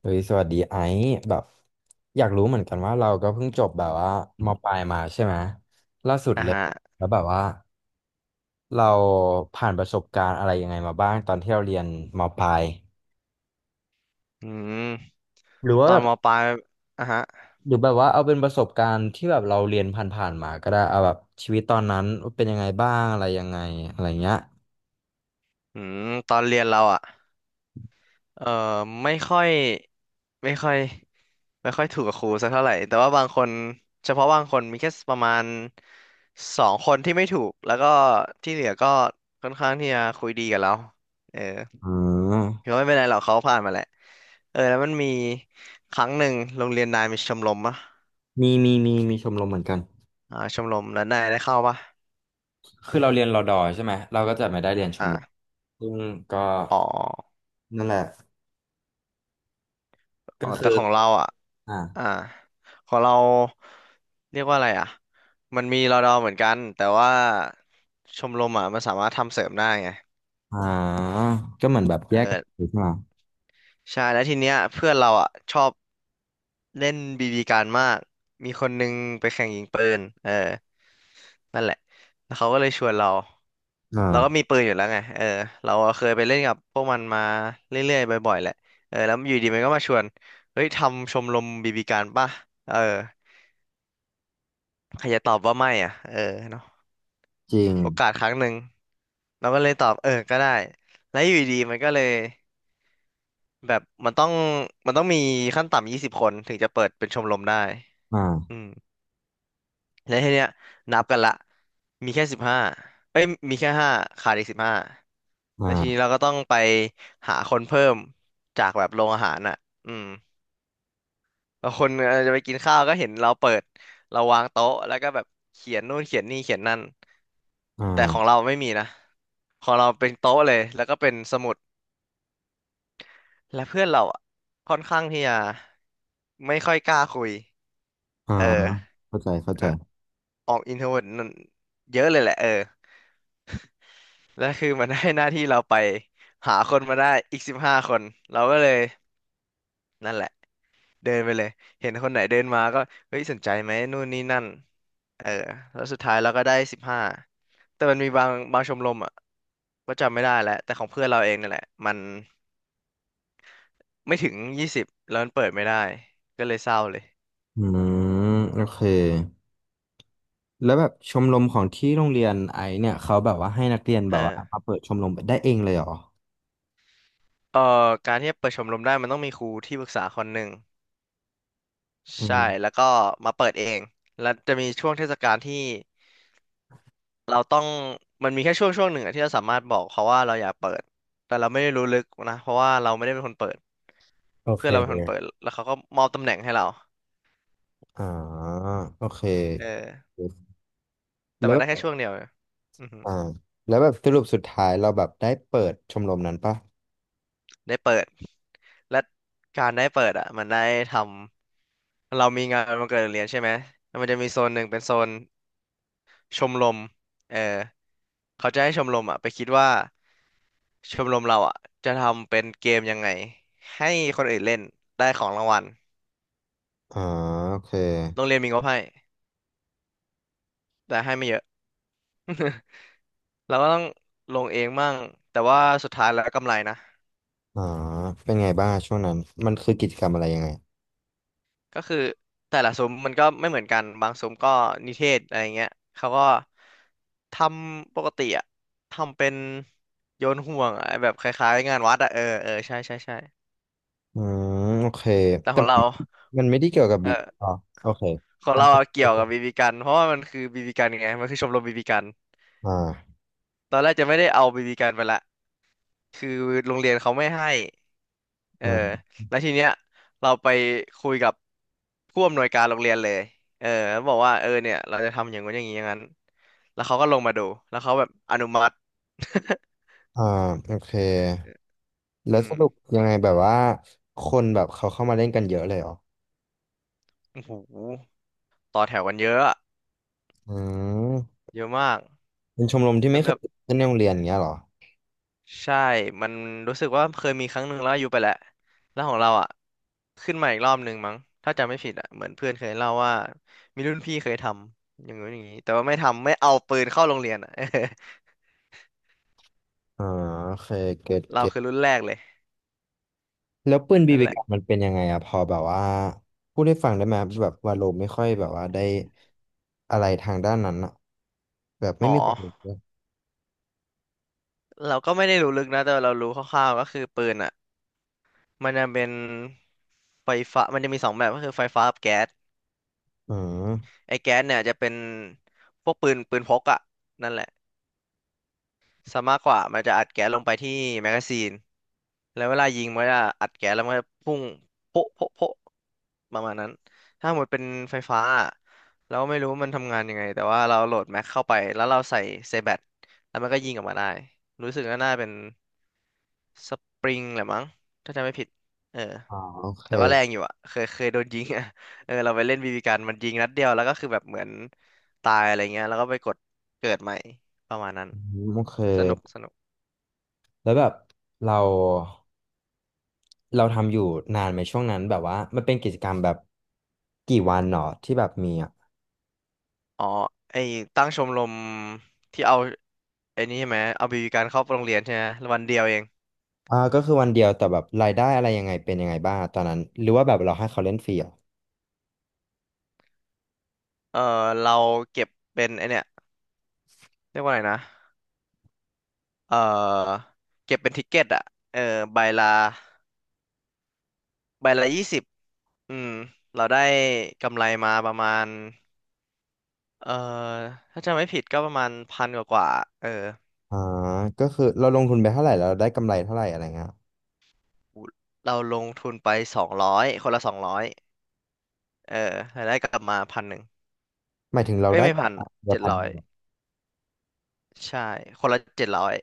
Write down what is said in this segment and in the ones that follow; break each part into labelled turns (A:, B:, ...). A: เฮ้ยสวัสดีไอซ์แบบอยากรู้เหมือนกันว่าเราก็เพิ่งจบแบบว่ามปลายมาใช่ไหมล่าสุด
B: อ่า
A: เลย
B: ฮะ
A: แล้วแบบว่าเราผ่านประสบการณ์อะไรยังไงมาบ้างตอนที่เราเรียนมปลาย
B: อืม
A: หรือ
B: ต
A: ว่า
B: อ
A: แบ
B: น
A: บ
B: มปลายอ่าฮะ
A: หรือแบบว่าเอาเป็นประสบการณ์ที่แบบเราเรียนผ่านๆมาก็ได้เอาแบบชีวิตตอนนั้นเป็นยังไงบ้างอะไรยังไงอะไรเงี้ย
B: อืมตอนเรียนเราอ่ะเอ่อไม่ค่อยไม่ค่อยไม่ค่อยถูกกับครูสักเท่าไหร่แต่ว่าบางคนเฉพาะบางคนมีแค่ประมาณสองคนที่ไม่ถูกแล้วก็ที่เหลือก็ค่อนข้างที่จะคุยดีกับเราเออ
A: อื
B: ถื
A: ม
B: อว่าไม่เป็นไรหรอกเขาผ่านมาแหละเออแล้วมันมีครั้งหนึ่งโรงเรียนนายมีชมรมปะ
A: มีชมรมเหมือนกัน
B: อ่าชมรมแล้วนายได้เข้าปะ
A: คือเราเรียนรอดอใช่ไหมเราก็จะไม่ได้เรียนชมรม
B: อ่า
A: ซึ่งก็
B: อ๋อ
A: นั่นแหละ
B: อ๋
A: ก็
B: อแต่
A: คือ
B: ของเราอ่ะ
A: อ่า
B: อ่าของเราเรียกว่าอะไรอ่ะมันมีรอดอเหมือนกันแต่ว่าชมรมอ่ะมันสามารถทำเสริมได้ไง
A: อ่าก็เหมือนแบบแย
B: เออ
A: กกันอยู่ใช่ไหม
B: ใช่แล้วทีเนี้ยเพื่อนเราอ่ะชอบเล่นบีบีการมากมีคนนึงไปแข่งยิงปืนเออนั่นแหละแล้วเขาก็เลยชวนเราเราก็มี
A: อ่า
B: ปืนอยู่แล้วไงเออเราเคยไปเล่นกับพวกมันมาเรื่อยๆบ่อยๆแหละเออแล้วอยู่ดีมันก็มาชวนเฮ้ยทำชมรมบีบีการป่ะเออ ใครจะตอบว่าไม่อ่ะเออเนาะ
A: จริง
B: โอกาสครั้งหนึ่ง เราก็เลยตอบเออก็ได้ แล้วอยู่ดีๆมันก็เลยแบบมันต้องมีขั้นต่ำ20 คนถึงจะเปิดเป็นชมรมได้
A: อ่า
B: อืมแล้วทีเนี้ยนับกันละมีแค่สิบห้าเอ้ยมีแค่ห้าขาดอีกสิบห้าแล้วทีนี้
A: อ่า
B: เราก็ต้องไปหาคนเพิ่มจากแบบโรงอาหารอ่ะอืม บางคนจะไปกินข้าวก็เห็นเราเปิดเราวางโต๊ะแล้วก็แบบเขียนนู่นเขียนนี่เขียนนั่น
A: อ
B: แต่ของ
A: ่า
B: เราไม่มีนะของเราเป็นโต๊ะเลยแล้วก็เป็นสมุดและเพื่อนเราอะค่อนข้างที่จะไม่ค่อยกล้าคุย
A: อ่า
B: เออ
A: เข้าใจเข้าใจ
B: เอ่อออกอินโทรเวิร์ตเยอะเลยแหละเออ แล้วคือมันให้หน้าที่เราไปหาคนมาได้อีก15 คนเราก็เลยนั่นแหละ เดินไปเลย เห็นคนไหนเดินมาก็เฮ้ยสนใจไหมนู่นนี่นั่นเออแล้วสุดท้ายเราก็ได้สิบห้าแต่มันมีบางชมรมอ่ะก็จำไม่ได้แล้วแต่ของเพื่อนเราเองนั่นแหละมันไม่ถึงยี่สิบแล้วมันเปิดไม่ได้ก็เลยเศร้าเลย
A: อืมโอเคแล้วแบบชมรมของที่โรงเรียนไอซ์เนี่ยเขาแบบว่าให้นักเรียนแบ
B: เออ
A: บว่ามาเปิดชมรมได้เองเลยเหรอ
B: เออการที่จะเปิดชมรมได้มันต้องมีครูที่ปรึกษาคนหนึ่ง
A: อื
B: ใช่
A: ม
B: แล้วก็มาเปิดเองแล้วจะมีช่วงเทศกาลที่เราต้องมันมีแค่ช่วงหนึ่งอะที่เราสามารถบอกเขาว่าเราอยากเปิดแต่เราไม่ได้รู้ลึกนะเพราะว่าเราไม่ได้เป็นคนเปิด
A: โอเค
B: เพื่อนเราเป็นคนเปิดแล้วเขาก็มอบตำแหน่งให้เรา
A: อ่าโอเค
B: เออแต่
A: แล้ว
B: มัน
A: แบ
B: ได้
A: บ
B: แค่ช่วงเดียวเลยอือหือ
A: อ่าแล้วแบบสรุปสุดท้ายเราแบบได้เปิดชมรมนั้นปะ
B: ได้เปิดและการได้เปิดอ่ะมันได้ทำเรามีงานวันเกิดโรงเรียนใช่ไหมแล้วมันจะมีโซนหนึ่งเป็นโซนชมรมเออเขาจะให้ชมรมอ่ะไปคิดว่าชมรมเราอ่ะจะทำเป็นเกมยังไงให้คนอื่นเล่นได้ของรางวัล
A: อ่าโอเค
B: โรงเรียนมีงบให้แต่ให้ไม่เยอะ เราก็ต้องลงเองมั่งแต่ว่าสุดท้ายแล้วกำไรนะ
A: อ่าเป็นไงบ้างช่วงนั้นมันคือกิจกรรมอะไรยังไง
B: ก็คือแต่ละซุ้มมันก็ไม่เหมือนกันบางซุ้มก็นิเทศอะไรเงี้ยเขาก็ทำปกติอะทำเป็นโยนห่วงอะแบบคล้ายๆงานวัดอะเออเออใช่ใช่ใช่
A: อืมโอเค
B: แต่
A: แต่
B: ของ
A: มั
B: เรา
A: นไม่ได้เกี่ยวกับ
B: เอ
A: บี
B: อ
A: อ๋อโอเค
B: ของ
A: อัน
B: เรา
A: เป็
B: อะ
A: น
B: เกี่ยวกับบีบีกันเพราะว่ามันคือบีบีกันไงมันคือชมรมบีบีกัน
A: อ่า
B: ตอนแรกจะไม่ได้เอาบีบีกันไปละ คือโรงเรียนเขาไม่ให้เออ
A: อืม
B: แล้วทีเนี้ยเราไปคุยกับผู้อำนวยการโรงเรียนเลยเออแล้วบอกว่าเออเนี่ยเราจะทำอย่างนู้นอย่างนี้อย่างนั้น แล้วเขาก็ลงมาดูแล้วเขาแบบอนุมัติ
A: อ่าโอเค แล้ว
B: อื
A: ส
B: ม
A: รุปยังไงแบบว่าคนแบบเขาเข้ามาเล่นกันเยอะเลยเหรอ
B: โอ้โหต่อแถวกันเยอะอะ
A: อืม
B: เยอะมาก
A: เป็นชมรมที่
B: แล้
A: ไม่
B: ว
A: เค
B: แบ
A: ย
B: บ
A: เล่นในโรงเรียนอย่างเงี้ยเหรอ
B: ใช่ มันรู้สึกว่าเคยมีครั้งหนึ่งแล้วอายุไปแล้วแล้วของเราอ่ะ ขึ้นมาอีกรอบหนึ่งมั้ง ถ้าจำไม่ผิดอ่ะเหมือนเพื่อนเคยเล่าว่ามีรุ่นพี่เคยทำ อย่างนู้นอย่างนี้ แต่ว่าไม่ทำไม่เอาปืนเข้าโรงเรียนอ่ะ
A: อ่าโอเคเก็ต
B: เรา
A: เก็ต
B: คือรุ่นแรกเลย
A: แล้วปืนบี
B: นั่น
A: บี
B: แหละ
A: กันมันเป็นยังไงอะพอแบบว่าพูดให้ฟังได้ไหมแบบว่าโลไม่ค่อยแบบว่าได้อะไรทางด้านนั้นอะแบบไม่
B: อ๋อ
A: มีความรู้เลย
B: เราก็ไม่ได้รู้ลึกนะ แต่เรารู้คร่าวๆก็คือปืนอ่ะมันจะเป็นไฟฟ้ามันจะมีสองแบบก็คือไฟฟ้ากับแก๊ส
A: อืม
B: ไอ้แก๊สเนี่ยจะเป็นพวกปืนพกอ่ะนั่นแหละซะมากกว่ามันจะอัดแก๊สลงไปที่แมกกาซีน แล้วเวลายิงมันจะอัดแก๊สแล้วมันจะพุ่งโป๊ะโป๊ะโป๊ะประมาณนั้นถ้าหมดเป็นไฟฟ้าอะเราไม่รู้ว่ามันทำงานยังไงแต่ว่าเราโหลดแม็กเข้าไปแล้วเราใส่เซแบตแล้วมันก็ยิงออกมาได้รู้สึกว่าน่าเป็นสปริงแหละมั้งถ้าจำไม่ผิดเออ
A: อ๋อโอเค
B: แต่ว่าแรงอยู่อ่ะเคยโดนยิงอ่ะ เออเราไปเล่นบีบีกันมันยิงนัดเดียวแล้วก็คือแบบเหมือนตายอะไรเงี้ยแล้วก็ไปกดเกิดใหม่ประมาณนั้น
A: อืมโอเค
B: สนุกสนุก
A: แล้วแบบเราทำอยู่นานไหมช่วงนั้นแบบว่ามันเป็นกิจกรรมแบบกี่วันหนอที่แบบมีอ่ะ
B: อ๋อไอตั้งชมรมที่เอา ไอ้นี่ใช่ไหมเอาบีบีการเข้าโรงเรียนใช่ไหมวันเดียวเอง
A: อ่าก็คือวันเดียวแต่แบบรายได้อะไรยังไงเป็นยังไงบ้างตอนนั้นหรือว่าแบบเราให้เขาเล่นฟรีเหรอ
B: เออเราเก็บเป็นไอเนี่ยเรียกว่าไงนะเออเก็บเป็นทิกเก็ตอะเออใบละใบละ 20อืมเราได้กำไรมาประมาณเออถ้าจำไม่ผิดก็ประมาณพันกว่ากว่าเออ
A: อ่าก็คือเราลงทุนไปเท่าไหร่เราได้กำไรเท่าไหร่อะไรเงี้ย
B: เราลงทุนไป200 คนละ 200เออรายได้กลับมา1,100
A: หมายถึงเรา
B: เอ้ย
A: ได้
B: ไม่
A: ก
B: พั
A: ว่า
B: น
A: เดือน
B: เจ็ด
A: พัน
B: ร้
A: ห
B: อ
A: นึ่
B: ย
A: งเหรอ
B: ใช่คนละเจ็ดร้อย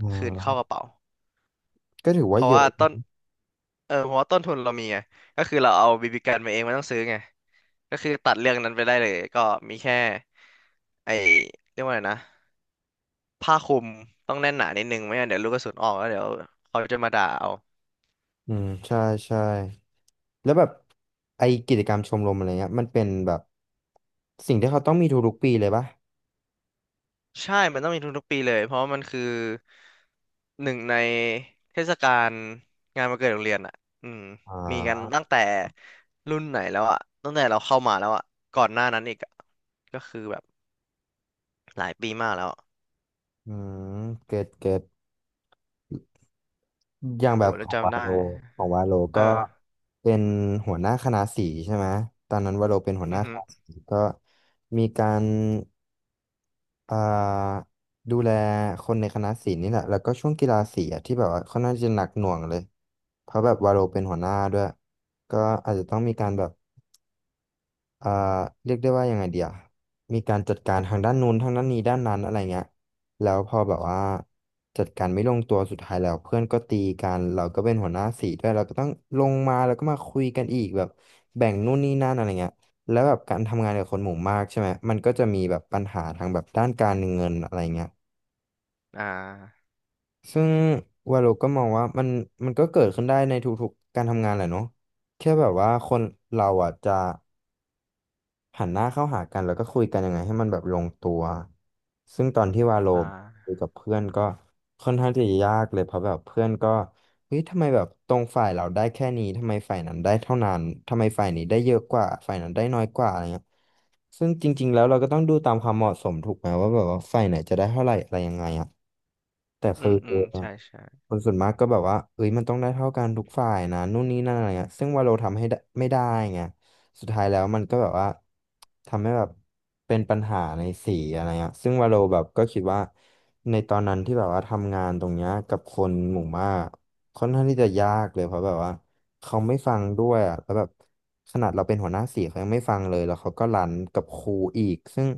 A: อ่
B: คืนเข้าก
A: า
B: ระเป๋า
A: ก็ถือ
B: เพ
A: ว่า
B: ราะ
A: เยอะ
B: ว่าต้น เออเพราะว่าต้นทุนเรามีไง ก็คือเราเอาบีบีกันมาเองไม่ต้องซื้อไง ก็คือตัดเรื่องนั้นไปได้เลยก็มีแค่ไอเรียกว่าอะไรนะผ้าคลุมต้องแน่นหนานิดนึงไม่งั้นเดี๋ยวลูกกระสุนออกแล้วเดี๋ยวเขาจะมาด่าเอา
A: อืมใช่ใช่แล้วแบบไอกิจกรรมชมรมอะไรเงี้ยมันเป็นแบบสิ่งที่เขาต้องมีทุกๆปีเลยปะ
B: ใช่ มันต้องมีทุกๆปีเลยเพราะว่ามันคือหนึ่งในเทศกาลงานวันเกิดโรงเรียนอ่ะอืม
A: อ่
B: มีกัน
A: า
B: ตั้งแต่รุ่นไหนแล้วอ่ะตั้งแต่เราเข้ามาแล้วอ่ะก่อนหน้านั้นอีกอะก็คือแบบหลายปีมากแล้ว
A: อืมเก็ตเก็ต อย่า
B: โอ้
A: ง
B: โห
A: แบบข
B: แล้ว
A: องวา
B: จำ
A: โล
B: ได้
A: ของวาโล
B: เอ
A: ก็
B: อ
A: เป็นหัวหน้าคณะสีใช่ไหมตอนนั้นวาโลเป็นหัวห
B: อื
A: น้า
B: อ
A: ค
B: ฮึ
A: ณะสีก็มีการอ่าดูแลคนในคณะสีนี่แหละแล้วก็ช่วงกีฬาสีอะที่แบบว่าค่อนข้างจะหนักหน่วงเลยเพราะแบบวาโลเป็นหัวหน้าด้วยก็อาจจะต้องมีการแบบ อ่าเรียกได้ว่ายังไงเดียมีการจัดการทางด้านนู้นทางด้านนี้ด้านนั้นอะไรเงี้ยแล้วพอแบบว่าจัดการไม่ลงตัวสุดท้ายแล้วเพื่อนก็ตีกันเราก็เป็นหัวหน้าสีด้วยเราก็ต้องลงมาแล้วก็มาคุยกันอีกแบบแบ่งนู่นนี่นั่นอะไรเงี้ยแล้วแบบการทำงานกับคนหมู่มากใช่ไหมมันก็จะมีแบบปัญหาทางแบบด้านการเงินอะไรเงี้ย
B: อ่า
A: ซึ่งวาโลก็มองว่ามันก็เกิดขึ้นได้ในทุกๆการทำงานแหละเนาะแค่แบบว่าคนเราอ่ะจะ หันหน้าเข้าหากันแล้วก็คุยกันยังไงให้มันแบบลงตัว ซึ่งตอนที่วาโล
B: อ่า
A: คุยกับเพื่อนก็ค่อนข้างที่จะยากเลยเพราะแบบเพื่อนก็เฮ้ยทำไมแบบตรงฝ่ายเราได้แค่นี้ทำไมฝ่ายนั้นได้เท่านั้นทำไมฝ่ายนี้ได้เยอะกว่าฝ่ายนั้นได้น้อยกว่าอะไรเงี้ยซึ่งจริงๆแล้วเราก็ต้องดูตามความเหมาะสมถูกไหมว่าแบบว่าฝ่ายไหนจะได้เท่าไหร่อะไรยังไงอะแต่
B: อื
A: คือ
B: ม อืม ใช่ใช่
A: คนส่วนมากก็แบบว่าเอ้ยมันต้องได้เท่ากันทุกฝ่ายนะนู่นนี่นั่นอะไรเงี้ยซึ่งวาโลทำให้ได้ไม่ได้ไง สุดท้ายแล้วมันก็แบบว่าทำให้แบบเป็นปัญหาในสีอะไรเงี้ยซึ่งวาโลแบบก็คิดว่าในตอนนั้นที่แบบว่าทำงานตรงเนี้ยกับคนหมู่มากค่อนข้างที่จะยากเลยเพราะแบบว่าเขาไม่ฟังด้วยอ่ะแล้วแบบขนาดเราเป็นหัวหน้าสีเขายังไม่ฟังเลยแล้วเขาก็รันกับครูอีกซึ่ง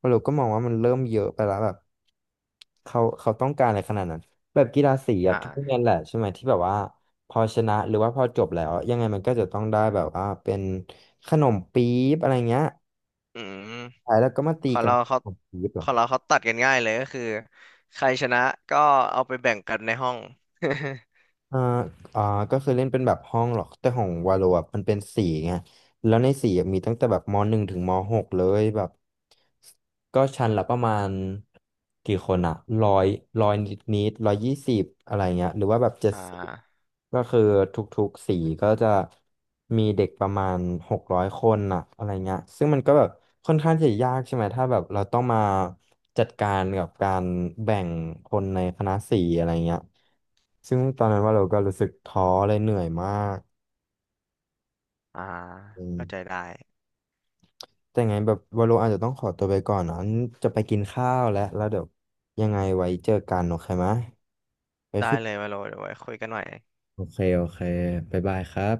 A: วาโลก็มองว่ามันเริ่มเยอะไปแล้วแบบเขาต้องการอะไรขนาดนั้นแบบกีฬาสีอะทุกโรง
B: อ่า
A: เรียนแหละใช่ไหมที่แบบว่า พอชนะหรือว่าพอจบแล้วยังไงมันก็จะต้องได้แบบว่าเป็นขนมปี๊บอะไรเงี้ย
B: อืม
A: ท้ายแล้วก็มา
B: ข
A: ตี
B: อง
A: กัน
B: เราเขา
A: ขนมปี๊บเหร
B: ข
A: อ
B: องเราเขาตัดกันง่ายเลยก็คือ ใครชนะก็เอาไปแบ่งกันในห้อง
A: อ่าอ่าก็คือเล่นเป็นแบบห้องหรอกแต่ของวาโลอ่ะมันเป็นสีไง แล้วในสี่อะมีตั้งแต่แบบม.1ถึงม.6เลยแบบก็ชั้นละประมาณกี่คนอะร้อยร้อยนิด120อะไรเงี้ยหรือว่าแบบเจ็ด
B: อ่
A: สิบ
B: า
A: ก็คือทุกๆสีก็จะมีเด็กประมาณ600คนอะอะไรเงี้ยซึ่งมันก็แบบค่อนข้างจะยากใช่ไหมถ้าแบบเราต้องมาจัดการกับการแบ่งคนในคณะสี่อะไรเงี้ยซึ่งตอนนั้นว่าเราก็รู้สึกท้อเลยเหนื่อยมาก
B: อ่า
A: อืม
B: เข้าใจได้
A: แต่ไงแบบวาโลอาจจะต้องขอตัวไปก่อนนะงั้นจะไปกินข้าวแล้วแล้วเดี๋ยวยังไงไว้เจอกันโอเคไหมไป
B: ได้
A: คุย
B: เลยมาโลเดี๋ยวไว้คุยกันหน่อย
A: โอเคโอเคบ๊ายบายครับ